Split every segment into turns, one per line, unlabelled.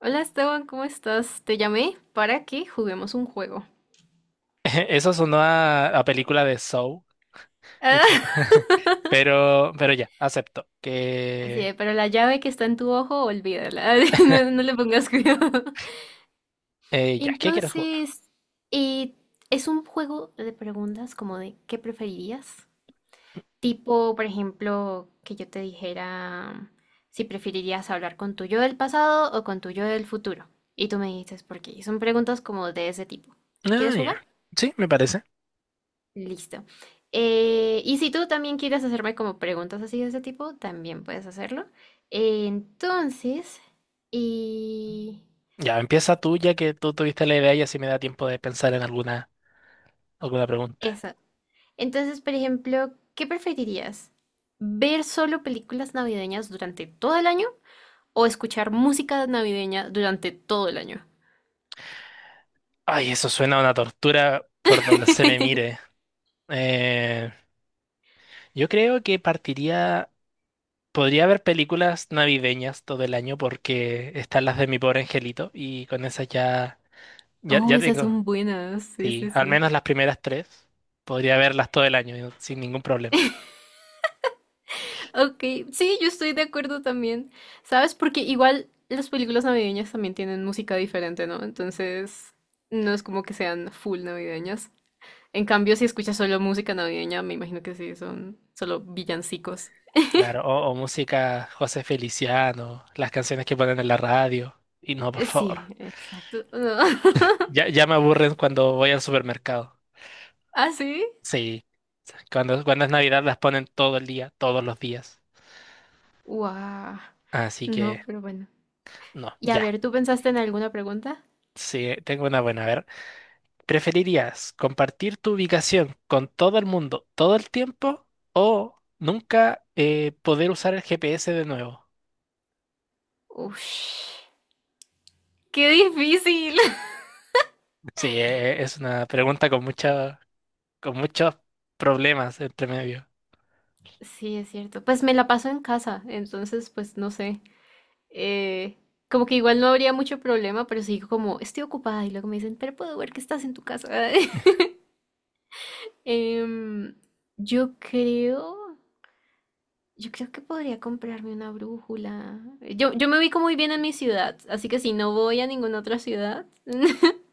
Hola Esteban, ¿cómo estás? Te llamé para que juguemos un juego.
Eso sonó a película de Saw, un
Ah,
poco. Pero ya, acepto
así
que...
es, pero la llave que está en tu ojo, olvídala, no, no le pongas cuidado.
Ya, ¿qué quieres jugar?
Entonces, eh, es un juego de preguntas como de ¿qué preferirías? Tipo, por ejemplo, que yo te dijera si preferirías hablar con tu yo del pasado o con tu yo del futuro. Y tú me dices por qué. Son preguntas como de ese tipo.
Ah,
¿Quieres jugar?
ya. Sí, me parece.
Listo. Y si tú también quieres hacerme como preguntas así de ese tipo, también puedes hacerlo. Entonces, y
Ya, empieza tú, ya que tú tuviste la idea y así me da tiempo de pensar en alguna pregunta.
eso. Entonces, por ejemplo, ¿qué preferirías? ¿Ver solo películas navideñas durante todo el año o escuchar música navideña durante todo el año?
Ay, eso suena a una tortura por donde se le mire. Eh, yo creo que partiría. Podría haber películas navideñas todo el año porque están las de Mi Pobre Angelito y con esas ya, ya,
Oh,
ya
esas
tengo.
son buenas. Sí,
Sí,
sí,
al
sí.
menos las primeras tres. Podría verlas todo el año yo, sin ningún problema.
Ok, sí, yo estoy de acuerdo también. ¿Sabes? Porque igual las películas navideñas también tienen música diferente, ¿no? Entonces, no es como que sean full navideñas. En cambio, si escuchas solo música navideña, me imagino que sí, son solo villancicos.
Claro, o música José Feliciano, las canciones que ponen en la radio. Y no, por favor.
Sí, exacto. No.
Ya, ya me aburren cuando voy al supermercado.
¿Ah, sí?
Sí, cuando es Navidad las ponen todo el día, todos los días.
Guau.
Así
No,
que,
pero bueno.
no,
Y a
ya.
ver, ¿tú pensaste en alguna pregunta?
Sí, tengo una buena. A ver, ¿preferirías compartir tu ubicación con todo el mundo todo el tiempo o nunca poder usar el GPS de nuevo?
Uf, qué difícil.
Sí, es una pregunta con muchos problemas entre medio.
Sí, es cierto. Pues me la paso en casa, entonces, pues no sé. Eh, Como que igual no habría mucho problema, pero sí digo como, estoy ocupada y luego me dicen, pero puedo ver que estás en tu casa. Em, yo creo, yo creo que podría comprarme una brújula. Yo me ubico muy bien en mi ciudad, así que si no voy a ninguna otra ciudad,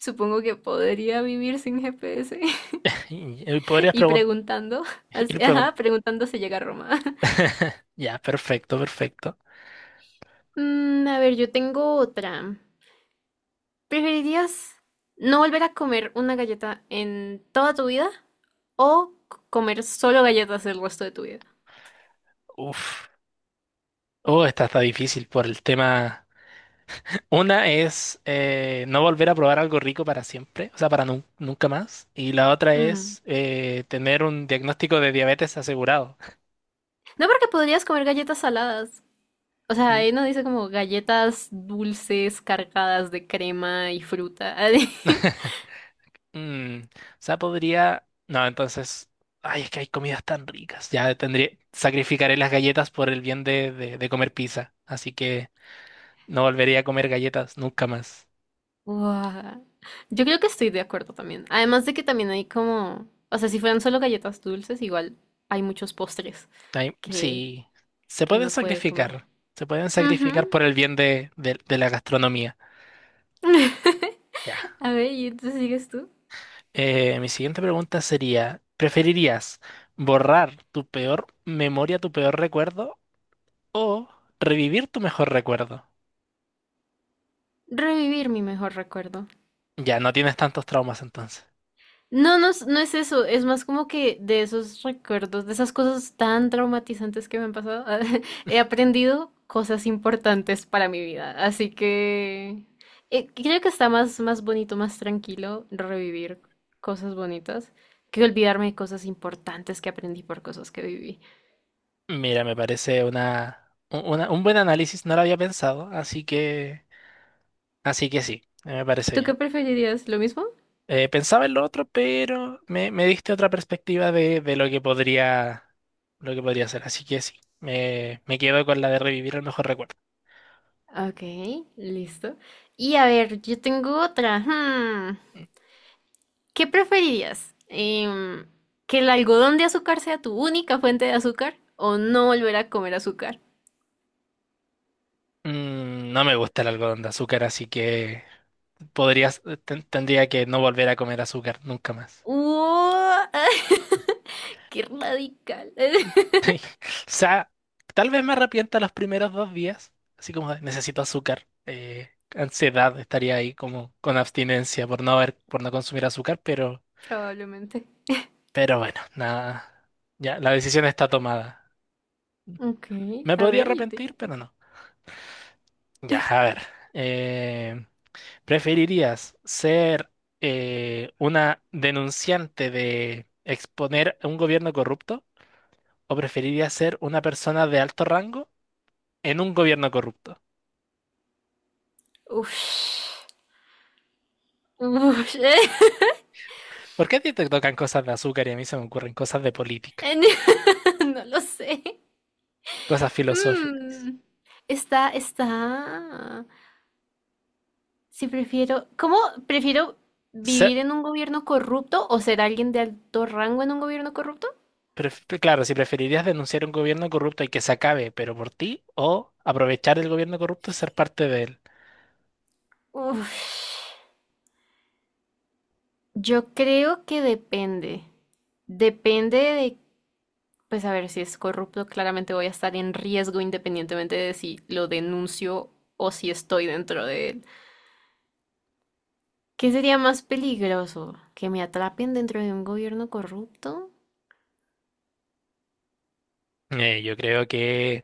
supongo que podría vivir sin GPS.
Y podrías
Y preguntando,
ir
así,
preguntando.
ajá, preguntando si llega a Roma.
Ya, perfecto, perfecto.
Mm, a ver, yo tengo otra. ¿Preferirías no volver a comer una galleta en toda tu vida o comer solo galletas el resto de tu vida?
Uf. Oh, esta está difícil por el tema. Una es no volver a probar algo rico para siempre, o sea, para nunca más. Y la otra
Mm.
es tener un diagnóstico de diabetes asegurado.
No, porque podrías comer galletas saladas. O sea,
Mm.
ahí no dice como galletas dulces cargadas de crema y fruta.
O sea, podría. No, entonces. Ay, es que hay comidas tan ricas. Ya tendría. Sacrificaré las galletas por el bien de comer pizza. Así que no volveré a comer galletas nunca más.
Guau. Yo creo que estoy de acuerdo también. Además de que también hay como, o sea, si fueran solo galletas dulces, igual hay muchos postres
Ay,
que,
sí. Se
que
pueden
uno puede comer.
sacrificar. Se pueden sacrificar
Ujú.
por el bien de la gastronomía. Ya.
A ver, ¿y entonces sigues tú?
Mi siguiente pregunta sería: ¿preferirías borrar tu peor memoria, tu peor recuerdo o revivir tu mejor recuerdo?
Revivir mi mejor recuerdo.
Ya, no tienes tantos traumas entonces.
No, no, no es eso, es más como que de esos recuerdos, de esas cosas tan traumatizantes que me han pasado, he aprendido cosas importantes para mi vida. Así que creo que está más, más bonito, más tranquilo revivir cosas bonitas que olvidarme de cosas importantes que aprendí por cosas que viví.
Mira, me parece un buen análisis, no lo había pensado, así que, sí, me parece
¿Tú
bien.
qué preferirías? ¿Lo mismo?
Pensaba en lo otro, pero me diste otra perspectiva de lo que podría ser, así que sí, me quedo con la de revivir el mejor recuerdo.
Ok, listo. Y a ver, yo tengo otra. Hmm. ¿Qué preferirías? ¿Que el algodón de azúcar sea tu única fuente de azúcar o no volver a comer azúcar?
No me gusta el algodón de azúcar, así que tendría que no volver a comer azúcar nunca más.
¡Uah! ¡Qué radical!
O sea, tal vez me arrepienta los primeros 2 días, así como de, necesito azúcar, ansiedad, estaría ahí como con abstinencia por no consumir azúcar,
Probablemente.
bueno, nada, ya la decisión está tomada.
Ok,
Me
a
podría
ver, yo te...
arrepentir, pero no. Ya, a ver, eh, ¿preferirías ser una denunciante de exponer a un gobierno corrupto o preferirías ser una persona de alto rango en un gobierno corrupto?
Ush. Ush.
¿Por qué a ti te tocan cosas de azúcar y a mí se me ocurren cosas de política,
En- No lo sé.
cosas filosóficas?
Mm, está, está. Si prefiero, ¿cómo prefiero
Se-
vivir en un gobierno corrupto o ser alguien de alto rango en un gobierno corrupto?
claro, si preferirías denunciar un gobierno corrupto y que se acabe, pero por ti, o aprovechar el gobierno corrupto y ser parte de él.
Uf, yo creo que depende. Depende de, pues a ver, si es corrupto, claramente voy a estar en riesgo independientemente de si lo denuncio o si estoy dentro de él. ¿Qué sería más peligroso? ¿Que me atrapen dentro de un gobierno corrupto?
Yo creo que,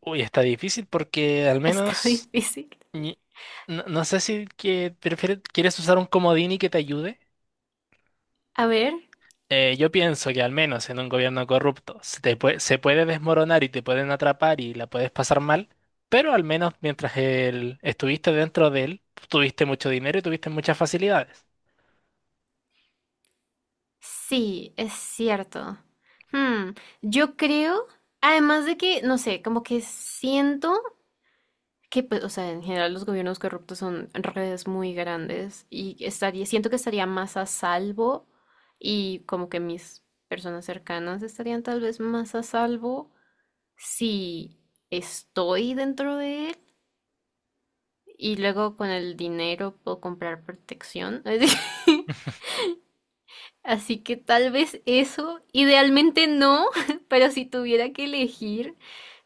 uy, está difícil porque al
Está
menos,
difícil.
ni- no, no sé si que prefieres, quieres usar un comodín y que te ayude.
A ver,
Yo pienso que al menos en un gobierno corrupto se puede desmoronar y te pueden atrapar y la puedes pasar mal, pero al menos mientras él estuviste dentro de él, tuviste mucho dinero y tuviste muchas facilidades.
sí, es cierto. Hmm, yo creo, además de que, no sé, como que siento que, pues, o sea, en general los gobiernos corruptos son redes muy grandes y estaría, siento que estaría más a salvo y como que mis personas cercanas estarían tal vez más a salvo si estoy dentro de él y luego con el dinero puedo comprar protección. Así que tal vez eso, idealmente no, pero si tuviera que elegir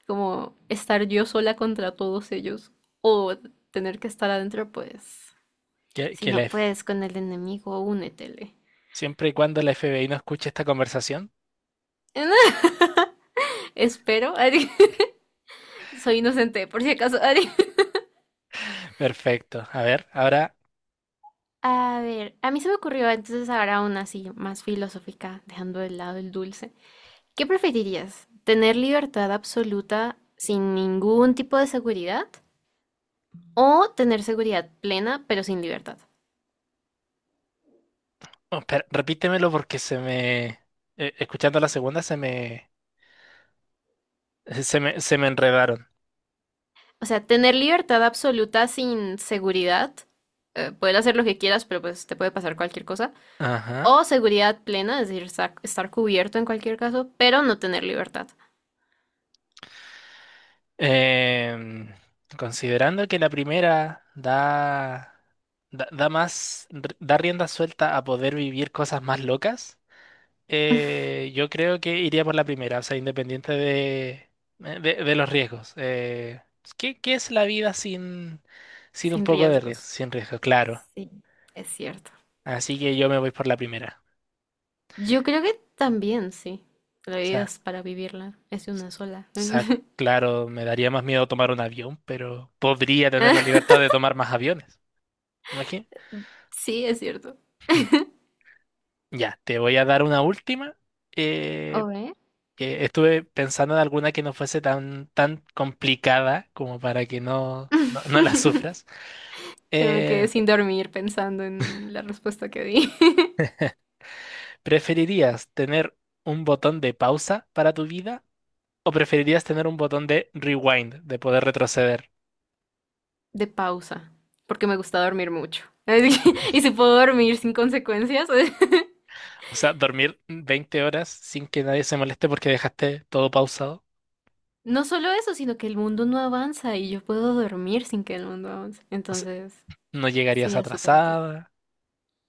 como estar yo sola contra todos ellos o tener que estar adentro, pues...
Que,
Si
que la
no
F-
puedes con el enemigo, únetele.
Siempre y cuando la FBI no escuche esta conversación.
Espero. Soy inocente, por si acaso.
Perfecto. A ver, ahora,
A ver, a mí se me ocurrió entonces ahora una así más filosófica, dejando de lado el dulce. ¿Qué preferirías? ¿Tener libertad absoluta sin ningún tipo de seguridad? ¿O tener seguridad plena pero sin libertad?
oh, espera, repítemelo porque escuchando la segunda se me enredaron.
O sea, tener libertad absoluta sin seguridad, poder hacer lo que quieras, pero pues te puede pasar cualquier cosa.
Ajá.
O seguridad plena, es decir, estar cubierto en cualquier caso, pero no tener libertad,
Em, considerando que la primera da, da más, da rienda suelta a poder vivir cosas más locas, yo creo que iría por la primera, o sea, independiente de los riesgos. ¿Qué es la vida sin un
sin
poco de riesgo?
riesgos.
Sin riesgo, claro.
Sí, es cierto.
Así que yo me voy por la primera.
Yo creo que también, sí.
O
La vida
sea,
es para vivirla, es
s- o
una sola.
sea, claro, me daría más miedo tomar un avión, pero podría tener la libertad de tomar más aviones. Imagínate.
Sí, es cierto.
Ya, te voy a dar una última.
¿O
eh,
ve?
que estuve pensando en alguna que no fuese tan complicada como para que no la sufras.
Que no me quedé
Eh,
sin dormir pensando en la respuesta que di.
¿Preferirías tener un botón de pausa para tu vida o preferirías tener un botón de rewind, de poder retroceder?
De pausa, porque me gusta dormir mucho. Así que- y si puedo dormir sin consecuencias.
O sea, dormir 20 horas sin que nadie se moleste porque dejaste todo pausado.
No solo eso, sino que el mundo no avanza y yo puedo dormir sin que el mundo avance.
O sea,
Entonces,
no llegarías
sería súper útil.
atrasada.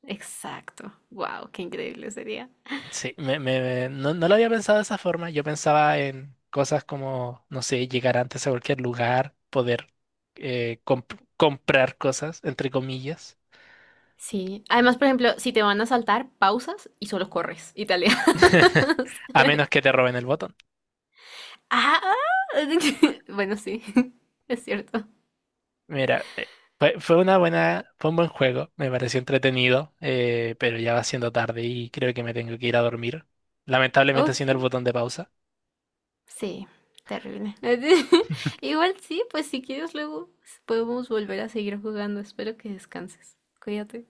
Exacto. Wow, qué increíble sería.
Sí, no lo había pensado de esa forma. Yo pensaba en cosas como, no sé, llegar antes a cualquier lugar, poder comprar cosas, entre comillas,
Sí. Además, por ejemplo, si te van a saltar, pausas y solo corres y te alejas.
a menos que te roben el botón.
Ah, ah, bueno, sí, es cierto.
Mira, fue un buen juego, me pareció entretenido, pero ya va siendo tarde y creo que me tengo que ir a dormir. Lamentablemente
Ok.
haciendo el botón de pausa.
Sí, terrible. Igual sí, pues si quieres luego podemos volver a seguir jugando. Espero que descanses. Cuídate.